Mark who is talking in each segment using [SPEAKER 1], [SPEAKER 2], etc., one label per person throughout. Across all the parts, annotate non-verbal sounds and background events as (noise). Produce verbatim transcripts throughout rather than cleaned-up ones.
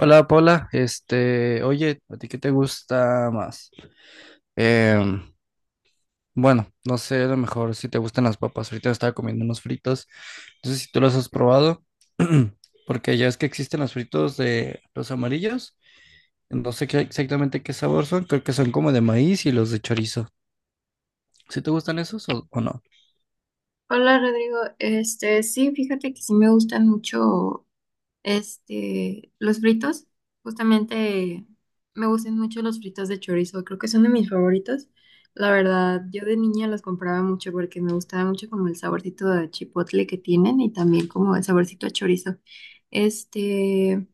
[SPEAKER 1] Hola Paula, este, oye, ¿a ti qué te gusta más? Em, bueno, no sé, a lo mejor si te gustan las papas, ahorita estaba comiendo unos fritos, no sé si tú los has probado, (clears throat) porque ya es que existen los fritos de los amarillos, no sé qué- exactamente qué sabor son, creo que son como de maíz y los de chorizo. ¿Si te gustan esos o, o no?
[SPEAKER 2] Hola Rodrigo, este sí, fíjate que sí me gustan mucho este los fritos, justamente me gustan mucho los fritos de chorizo, creo que son de mis favoritos. La verdad, yo de niña los compraba mucho porque me gustaba mucho como el saborcito de chipotle que tienen y también como el saborcito a chorizo. Este,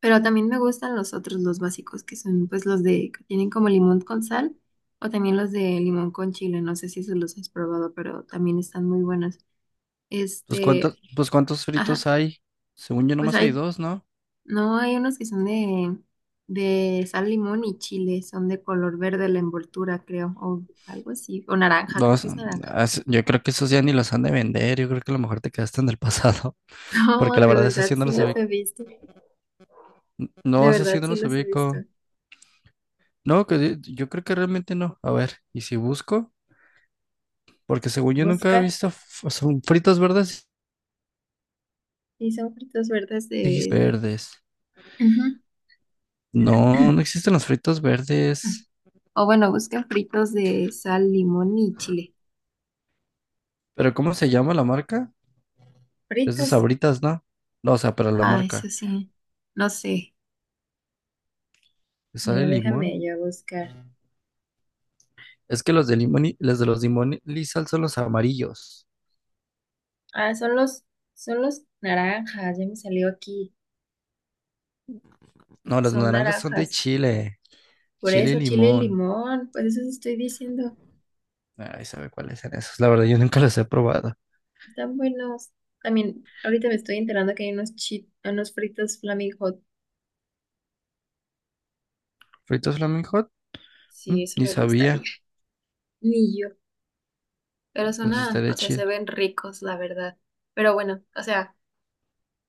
[SPEAKER 2] pero también me gustan los otros, los básicos, que son pues los de que tienen como limón con sal o también los de limón con chile, no sé si se los has probado, pero también están muy buenos.
[SPEAKER 1] Pues cuántos,
[SPEAKER 2] Este,
[SPEAKER 1] pues cuántos
[SPEAKER 2] ajá,
[SPEAKER 1] fritos hay, según yo
[SPEAKER 2] pues
[SPEAKER 1] nomás hay
[SPEAKER 2] hay,
[SPEAKER 1] dos, ¿no?
[SPEAKER 2] no hay unos que son de, de sal, limón y chile, son de color verde la envoltura, creo, o algo así, o naranja, creo
[SPEAKER 1] Dos,
[SPEAKER 2] que es naranja.
[SPEAKER 1] ah, s- yo creo que esos ya ni los han de vender, yo creo que a lo mejor te quedaste en el (laughs) pasado.
[SPEAKER 2] (laughs) No,
[SPEAKER 1] Porque la
[SPEAKER 2] de
[SPEAKER 1] verdad, esa
[SPEAKER 2] verdad
[SPEAKER 1] sí no
[SPEAKER 2] sí
[SPEAKER 1] los
[SPEAKER 2] los
[SPEAKER 1] ubico.
[SPEAKER 2] he visto,
[SPEAKER 1] N-
[SPEAKER 2] de
[SPEAKER 1] No, esa
[SPEAKER 2] verdad
[SPEAKER 1] sí no
[SPEAKER 2] sí
[SPEAKER 1] los
[SPEAKER 2] los he visto.
[SPEAKER 1] ubico. No, que di- yo creo que realmente no. A ver, ¿y si busco? Porque según yo nunca he
[SPEAKER 2] Busca,
[SPEAKER 1] visto, f- o sea, fritos verdes.
[SPEAKER 2] y son fritos verdes
[SPEAKER 1] Dijiste
[SPEAKER 2] de...
[SPEAKER 1] verdes.
[SPEAKER 2] Ujú.
[SPEAKER 1] No, no
[SPEAKER 2] (clears throat)
[SPEAKER 1] existen los fritos verdes.
[SPEAKER 2] O bueno, busca fritos de sal, limón y chile.
[SPEAKER 1] ¿Pero cómo se llama la marca? Es de
[SPEAKER 2] Fritos.
[SPEAKER 1] Sabritas, ¿no? No, o sea, pero la
[SPEAKER 2] Ah, eso
[SPEAKER 1] marca.
[SPEAKER 2] sí, no sé.
[SPEAKER 1] ¿Le ¿Sale
[SPEAKER 2] Mira,
[SPEAKER 1] limón?
[SPEAKER 2] déjame yo buscar.
[SPEAKER 1] Es que los de limón y los de los limón y sal son los amarillos.
[SPEAKER 2] Ah, son los, son los naranjas, ya me salió aquí.
[SPEAKER 1] No, los
[SPEAKER 2] Son
[SPEAKER 1] naranjas son de
[SPEAKER 2] naranjas.
[SPEAKER 1] Chile.
[SPEAKER 2] Por
[SPEAKER 1] Chile y
[SPEAKER 2] eso, chile y
[SPEAKER 1] limón.
[SPEAKER 2] limón, pues eso sí estoy diciendo.
[SPEAKER 1] Ay, sabe cuáles son esos. La verdad, yo nunca los he probado.
[SPEAKER 2] Están buenos. También, ahorita me estoy enterando que hay unos chi- unos fritos Flaming Hot.
[SPEAKER 1] ¿Fritos Flaming Hot? Mm,
[SPEAKER 2] Sí, eso
[SPEAKER 1] ni
[SPEAKER 2] me gustaría.
[SPEAKER 1] sabía,
[SPEAKER 2] Ni yo. Pero
[SPEAKER 1] pues
[SPEAKER 2] sonan,
[SPEAKER 1] estaría
[SPEAKER 2] o sea, se
[SPEAKER 1] chido.
[SPEAKER 2] ven ricos, la verdad. Pero bueno, o sea,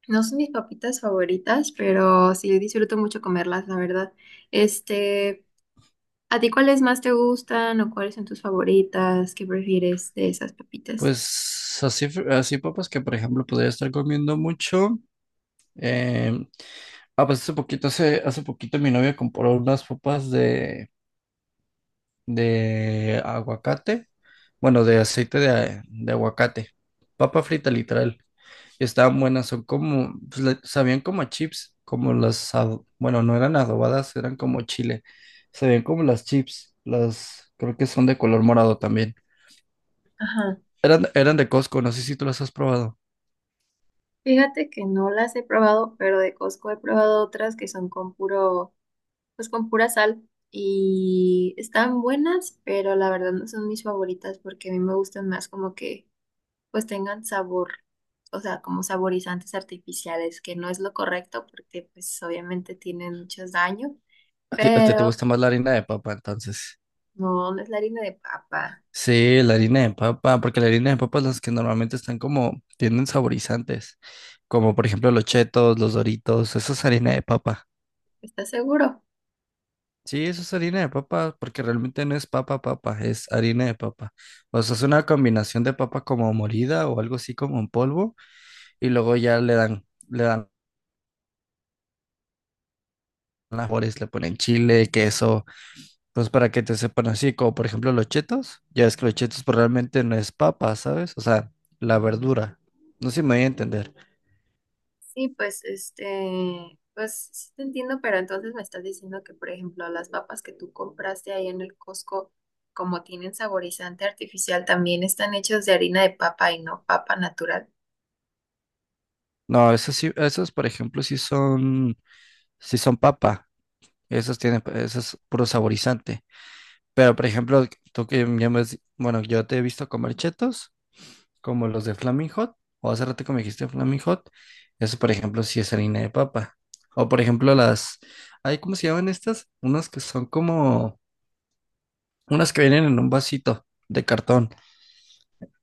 [SPEAKER 2] no son mis papitas favoritas, pero sí disfruto mucho comerlas, la verdad. Este. ¿A ti cuáles más te gustan o cuáles son tus favoritas? ¿Qué prefieres de esas papitas?
[SPEAKER 1] Pues así, fr- así papas que por ejemplo podría estar comiendo mucho. eh, ah, pues hace poquito, hace, hace poquito mi novia compró unas papas de, de aguacate, bueno, de aceite de, de aguacate, papa frita literal. Y estaban buenas, son como, pues, le- sabían como a chips, como las, ado- bueno, no eran adobadas, eran como chile, sabían como las chips, las, creo que son de color morado también.
[SPEAKER 2] Ajá.
[SPEAKER 1] Eran, eran de Costco, no sé si tú las has probado.
[SPEAKER 2] Fíjate que no las he probado, pero de Costco he probado otras que son con puro, pues con pura sal y están buenas, pero la verdad no son mis favoritas porque a mí me gustan más como que pues tengan sabor, o sea, como saborizantes artificiales, que no es lo correcto porque pues obviamente tienen muchos daños,
[SPEAKER 1] A ti, a ti te
[SPEAKER 2] pero
[SPEAKER 1] gusta más la harina de papa, entonces.
[SPEAKER 2] no, no es la harina de papa,
[SPEAKER 1] Sí, la harina de papa, porque la harina de papa es las que normalmente están como, tienen saborizantes, como por ejemplo los chetos, los doritos, eso es harina de papa.
[SPEAKER 2] ¿estás seguro?
[SPEAKER 1] Sí, eso es harina de papa, porque realmente no es papa papa, es harina de papa. O sea, es una combinación de papa como molida o algo así como en polvo, y luego ya le dan, le dan las sabores, le ponen chile, queso. Pues para que te sepan así, como por ejemplo los chetos, ya es que los chetos pues, realmente no es papa, ¿sabes? O sea, la verdura. No sé si me voy a entender.
[SPEAKER 2] Sí, pues este, pues sí te entiendo, pero entonces me estás diciendo que, por ejemplo, las papas que tú compraste ahí en el Costco, como tienen saborizante artificial, también están hechas de harina de papa y no papa natural.
[SPEAKER 1] No, esos sí, esos por ejemplo sí son, sí son papa. Esos tienen, esos es puro saborizante. Pero por ejemplo, tú que ya me has- bueno, yo te he visto comer chetos, como los de Flaming Hot, o hace rato que me dijiste Flaming Hot, eso por ejemplo sí es harina de papa. O por ejemplo las, ay, ¿cómo se llaman estas? Unas que son como unas que vienen en un vasito de cartón.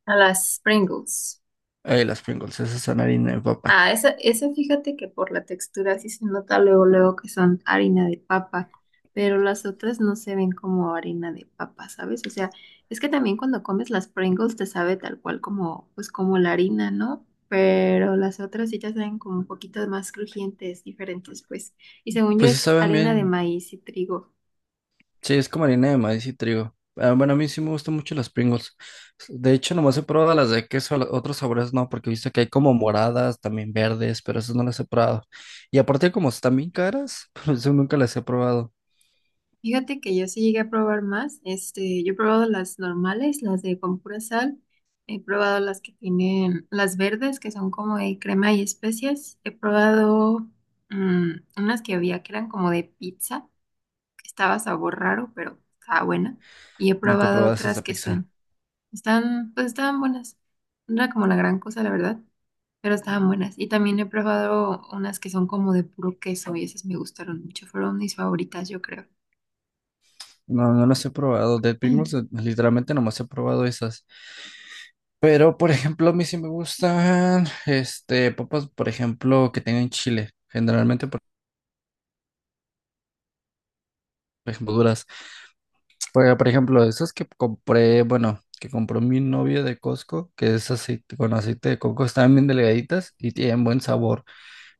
[SPEAKER 2] A las Pringles.
[SPEAKER 1] Eh, las Pringles, esas son harina de papa.
[SPEAKER 2] Ah, esa, esa fíjate que por la textura sí se nota luego, luego que son harina de papa, pero las otras no se ven como harina de papa, ¿sabes? O sea, es que también cuando comes las Pringles te sabe tal cual como, pues como la harina, ¿no? Pero las otras sí ya saben como un poquito más crujientes, diferentes, pues. Y según yo
[SPEAKER 1] Pues sí
[SPEAKER 2] es
[SPEAKER 1] saben
[SPEAKER 2] harina de
[SPEAKER 1] bien.
[SPEAKER 2] maíz y trigo.
[SPEAKER 1] Sí, es como harina de maíz y trigo. Ah, bueno, a mí sí me gustan mucho las Pringles. De hecho, nomás he probado las de queso, la- otros sabores no, porque he visto que hay como moradas, también verdes, pero esas no las he probado. Y aparte, como están bien caras, (laughs) por eso nunca las he probado.
[SPEAKER 2] Fíjate que yo sí llegué a probar más. Este, yo he probado las normales, las de con pura sal. He probado las que tienen las verdes, que son como de crema y especias. He probado mm, unas que había que eran como de pizza, que estaba sabor raro, pero estaba buena. Y he
[SPEAKER 1] Nunca he
[SPEAKER 2] probado
[SPEAKER 1] probado esas
[SPEAKER 2] otras
[SPEAKER 1] de
[SPEAKER 2] que
[SPEAKER 1] pizza.
[SPEAKER 2] son, están, pues estaban buenas. No era como la gran cosa, la verdad, pero estaban buenas. Y también he probado unas que son como de puro queso y esas me gustaron mucho. Fueron mis favoritas, yo creo.
[SPEAKER 1] No, no las he probado. De Pringles, eh,
[SPEAKER 2] (clears throat)
[SPEAKER 1] literalmente nomás he probado esas. Pero, por ejemplo, a mí sí me gustan, este, papas, por ejemplo, que tengan chile. Generalmente, por por ejemplo, duras. Por, por ejemplo, esas que compré, bueno, que compró mi novia de Costco, que es aceite, con aceite de coco, están bien delgaditas y tienen buen sabor,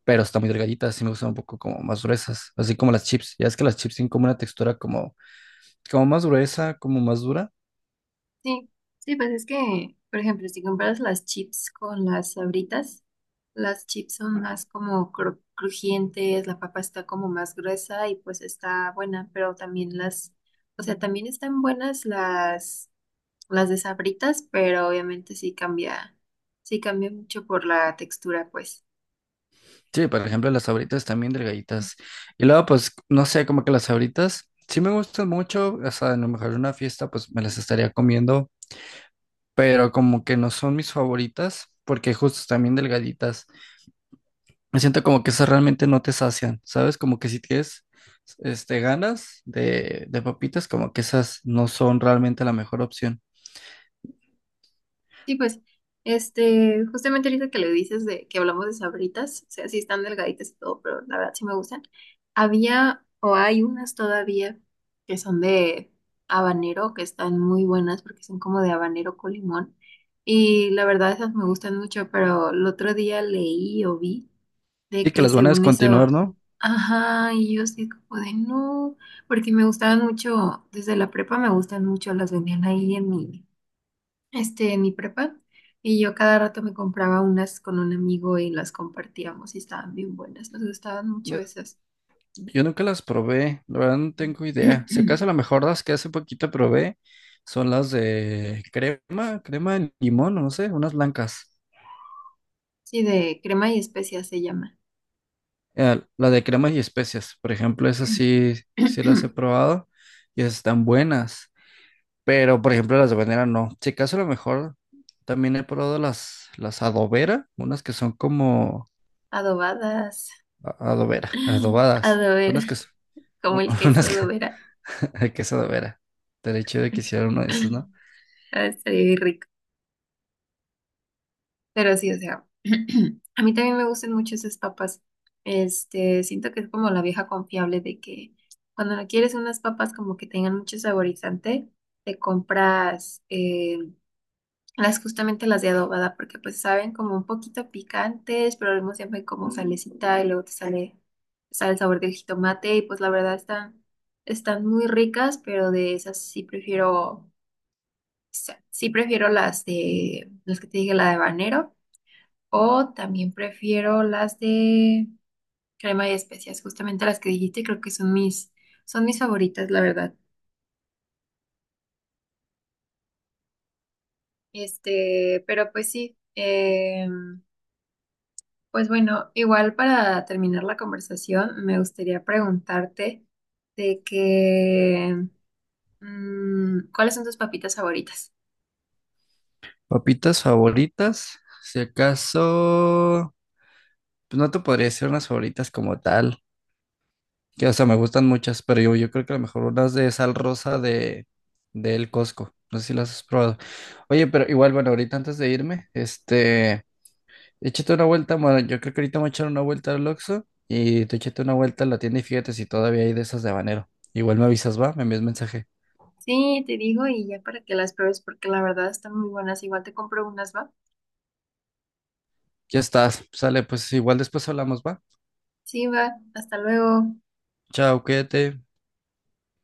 [SPEAKER 1] pero están muy delgaditas, sí me gustan un poco como más gruesas, así como las chips. Ya es que las chips tienen como una textura como, como más gruesa, como más dura.
[SPEAKER 2] Sí, sí, pues es que, por ejemplo, si compras las chips con las Sabritas, las chips son más como cru- crujientes, la papa está como más gruesa y pues está buena, pero también las, o sea, también están buenas las, las de Sabritas, pero obviamente sí cambia, sí cambia mucho por la textura, pues.
[SPEAKER 1] Sí, por ejemplo, las Sabritas también delgaditas. Y luego, pues, no sé, como que las Sabritas sí me gustan mucho. O sea, a lo mejor en una fiesta, pues me las estaría comiendo, pero como que no son mis favoritas, porque justo también delgaditas. Me siento como que esas realmente no te sacian, ¿sabes? Como que si tienes, este, ganas de, de papitas, como que esas no son realmente la mejor opción.
[SPEAKER 2] Sí, pues, este, justamente ahorita que le dices de que hablamos de sabritas, o sea, sí están delgaditas y todo, pero la verdad sí me gustan. Había o hay unas todavía que son de habanero, que están muy buenas porque son como de habanero con limón. Y la verdad esas me gustan mucho, pero el otro día leí o vi de
[SPEAKER 1] Sí, que
[SPEAKER 2] que
[SPEAKER 1] las van a
[SPEAKER 2] según eso,
[SPEAKER 1] descontinuar, ¿no?
[SPEAKER 2] ajá, y yo sí como de no, porque me gustaban mucho, desde la prepa me gustan mucho, las vendían ahí en mi este, en mi prepa. Y yo cada rato me compraba unas con un amigo y las compartíamos y estaban bien buenas. Nos gustaban mucho esas.
[SPEAKER 1] Yo nunca las probé, la verdad no tengo idea. Si
[SPEAKER 2] (clears throat)
[SPEAKER 1] acaso a lo mejor las que hace poquito probé son las de crema, crema de limón, o no sé, unas blancas.
[SPEAKER 2] Sí, de crema y especias se llama.
[SPEAKER 1] Eh, la de cremas y especias, por ejemplo, esas sí, sí las he
[SPEAKER 2] (clears throat)
[SPEAKER 1] probado y esas están buenas. Pero, por ejemplo, las de banera no. Si acaso a lo mejor también he probado las, las adobera, unas que son como
[SPEAKER 2] Adobadas.
[SPEAKER 1] a- adobera, (laughs)
[SPEAKER 2] (laughs)
[SPEAKER 1] adobadas,
[SPEAKER 2] Adobera,
[SPEAKER 1] unas que son,
[SPEAKER 2] como el
[SPEAKER 1] (laughs)
[SPEAKER 2] queso
[SPEAKER 1] unas que,
[SPEAKER 2] adobera.
[SPEAKER 1] (laughs) que es adobera. Estaría chido que hiciera uno de esos,
[SPEAKER 2] (laughs)
[SPEAKER 1] ¿no?
[SPEAKER 2] Así pero sí, o sea, (clears throat) a mí también me gustan mucho esas papas. Este, siento que es como la vieja confiable de que cuando no quieres unas papas como que tengan mucho saborizante, te compras eh, las justamente las de adobada, porque pues saben como un poquito picantes, pero al mismo tiempo hay como salecita y luego te sale, sale el sabor del jitomate y pues la verdad están, están muy ricas, pero de esas sí prefiero, sí prefiero las de, las que te dije, la de habanero o también prefiero las de crema y especias, justamente las que dijiste, creo que son mis, son mis favoritas, la verdad. Este, pero pues sí, em, pues bueno, igual para terminar la conversación, me gustaría preguntarte de que, mm, ¿cuáles son tus papitas favoritas?
[SPEAKER 1] Papitas favoritas, si acaso, pues no te podría decir unas favoritas como tal, que o sea, me gustan muchas, pero yo, yo creo que a lo mejor unas de sal rosa de, de El Costco, no sé si las has probado. Oye, pero igual, bueno, ahorita antes de irme, este, échate una vuelta, bueno, yo creo que ahorita me voy a echar una vuelta al Oxxo y tú échate una vuelta a la tienda y fíjate si todavía hay de esas de habanero. Igual me avisas, va, me envías mensaje.
[SPEAKER 2] Sí, te digo y ya para que las pruebes, porque la verdad están muy buenas. Igual te compro unas, ¿va?
[SPEAKER 1] Ya estás, sale, pues igual después hablamos, va.
[SPEAKER 2] Sí, va, hasta luego.
[SPEAKER 1] Chao, cuídate.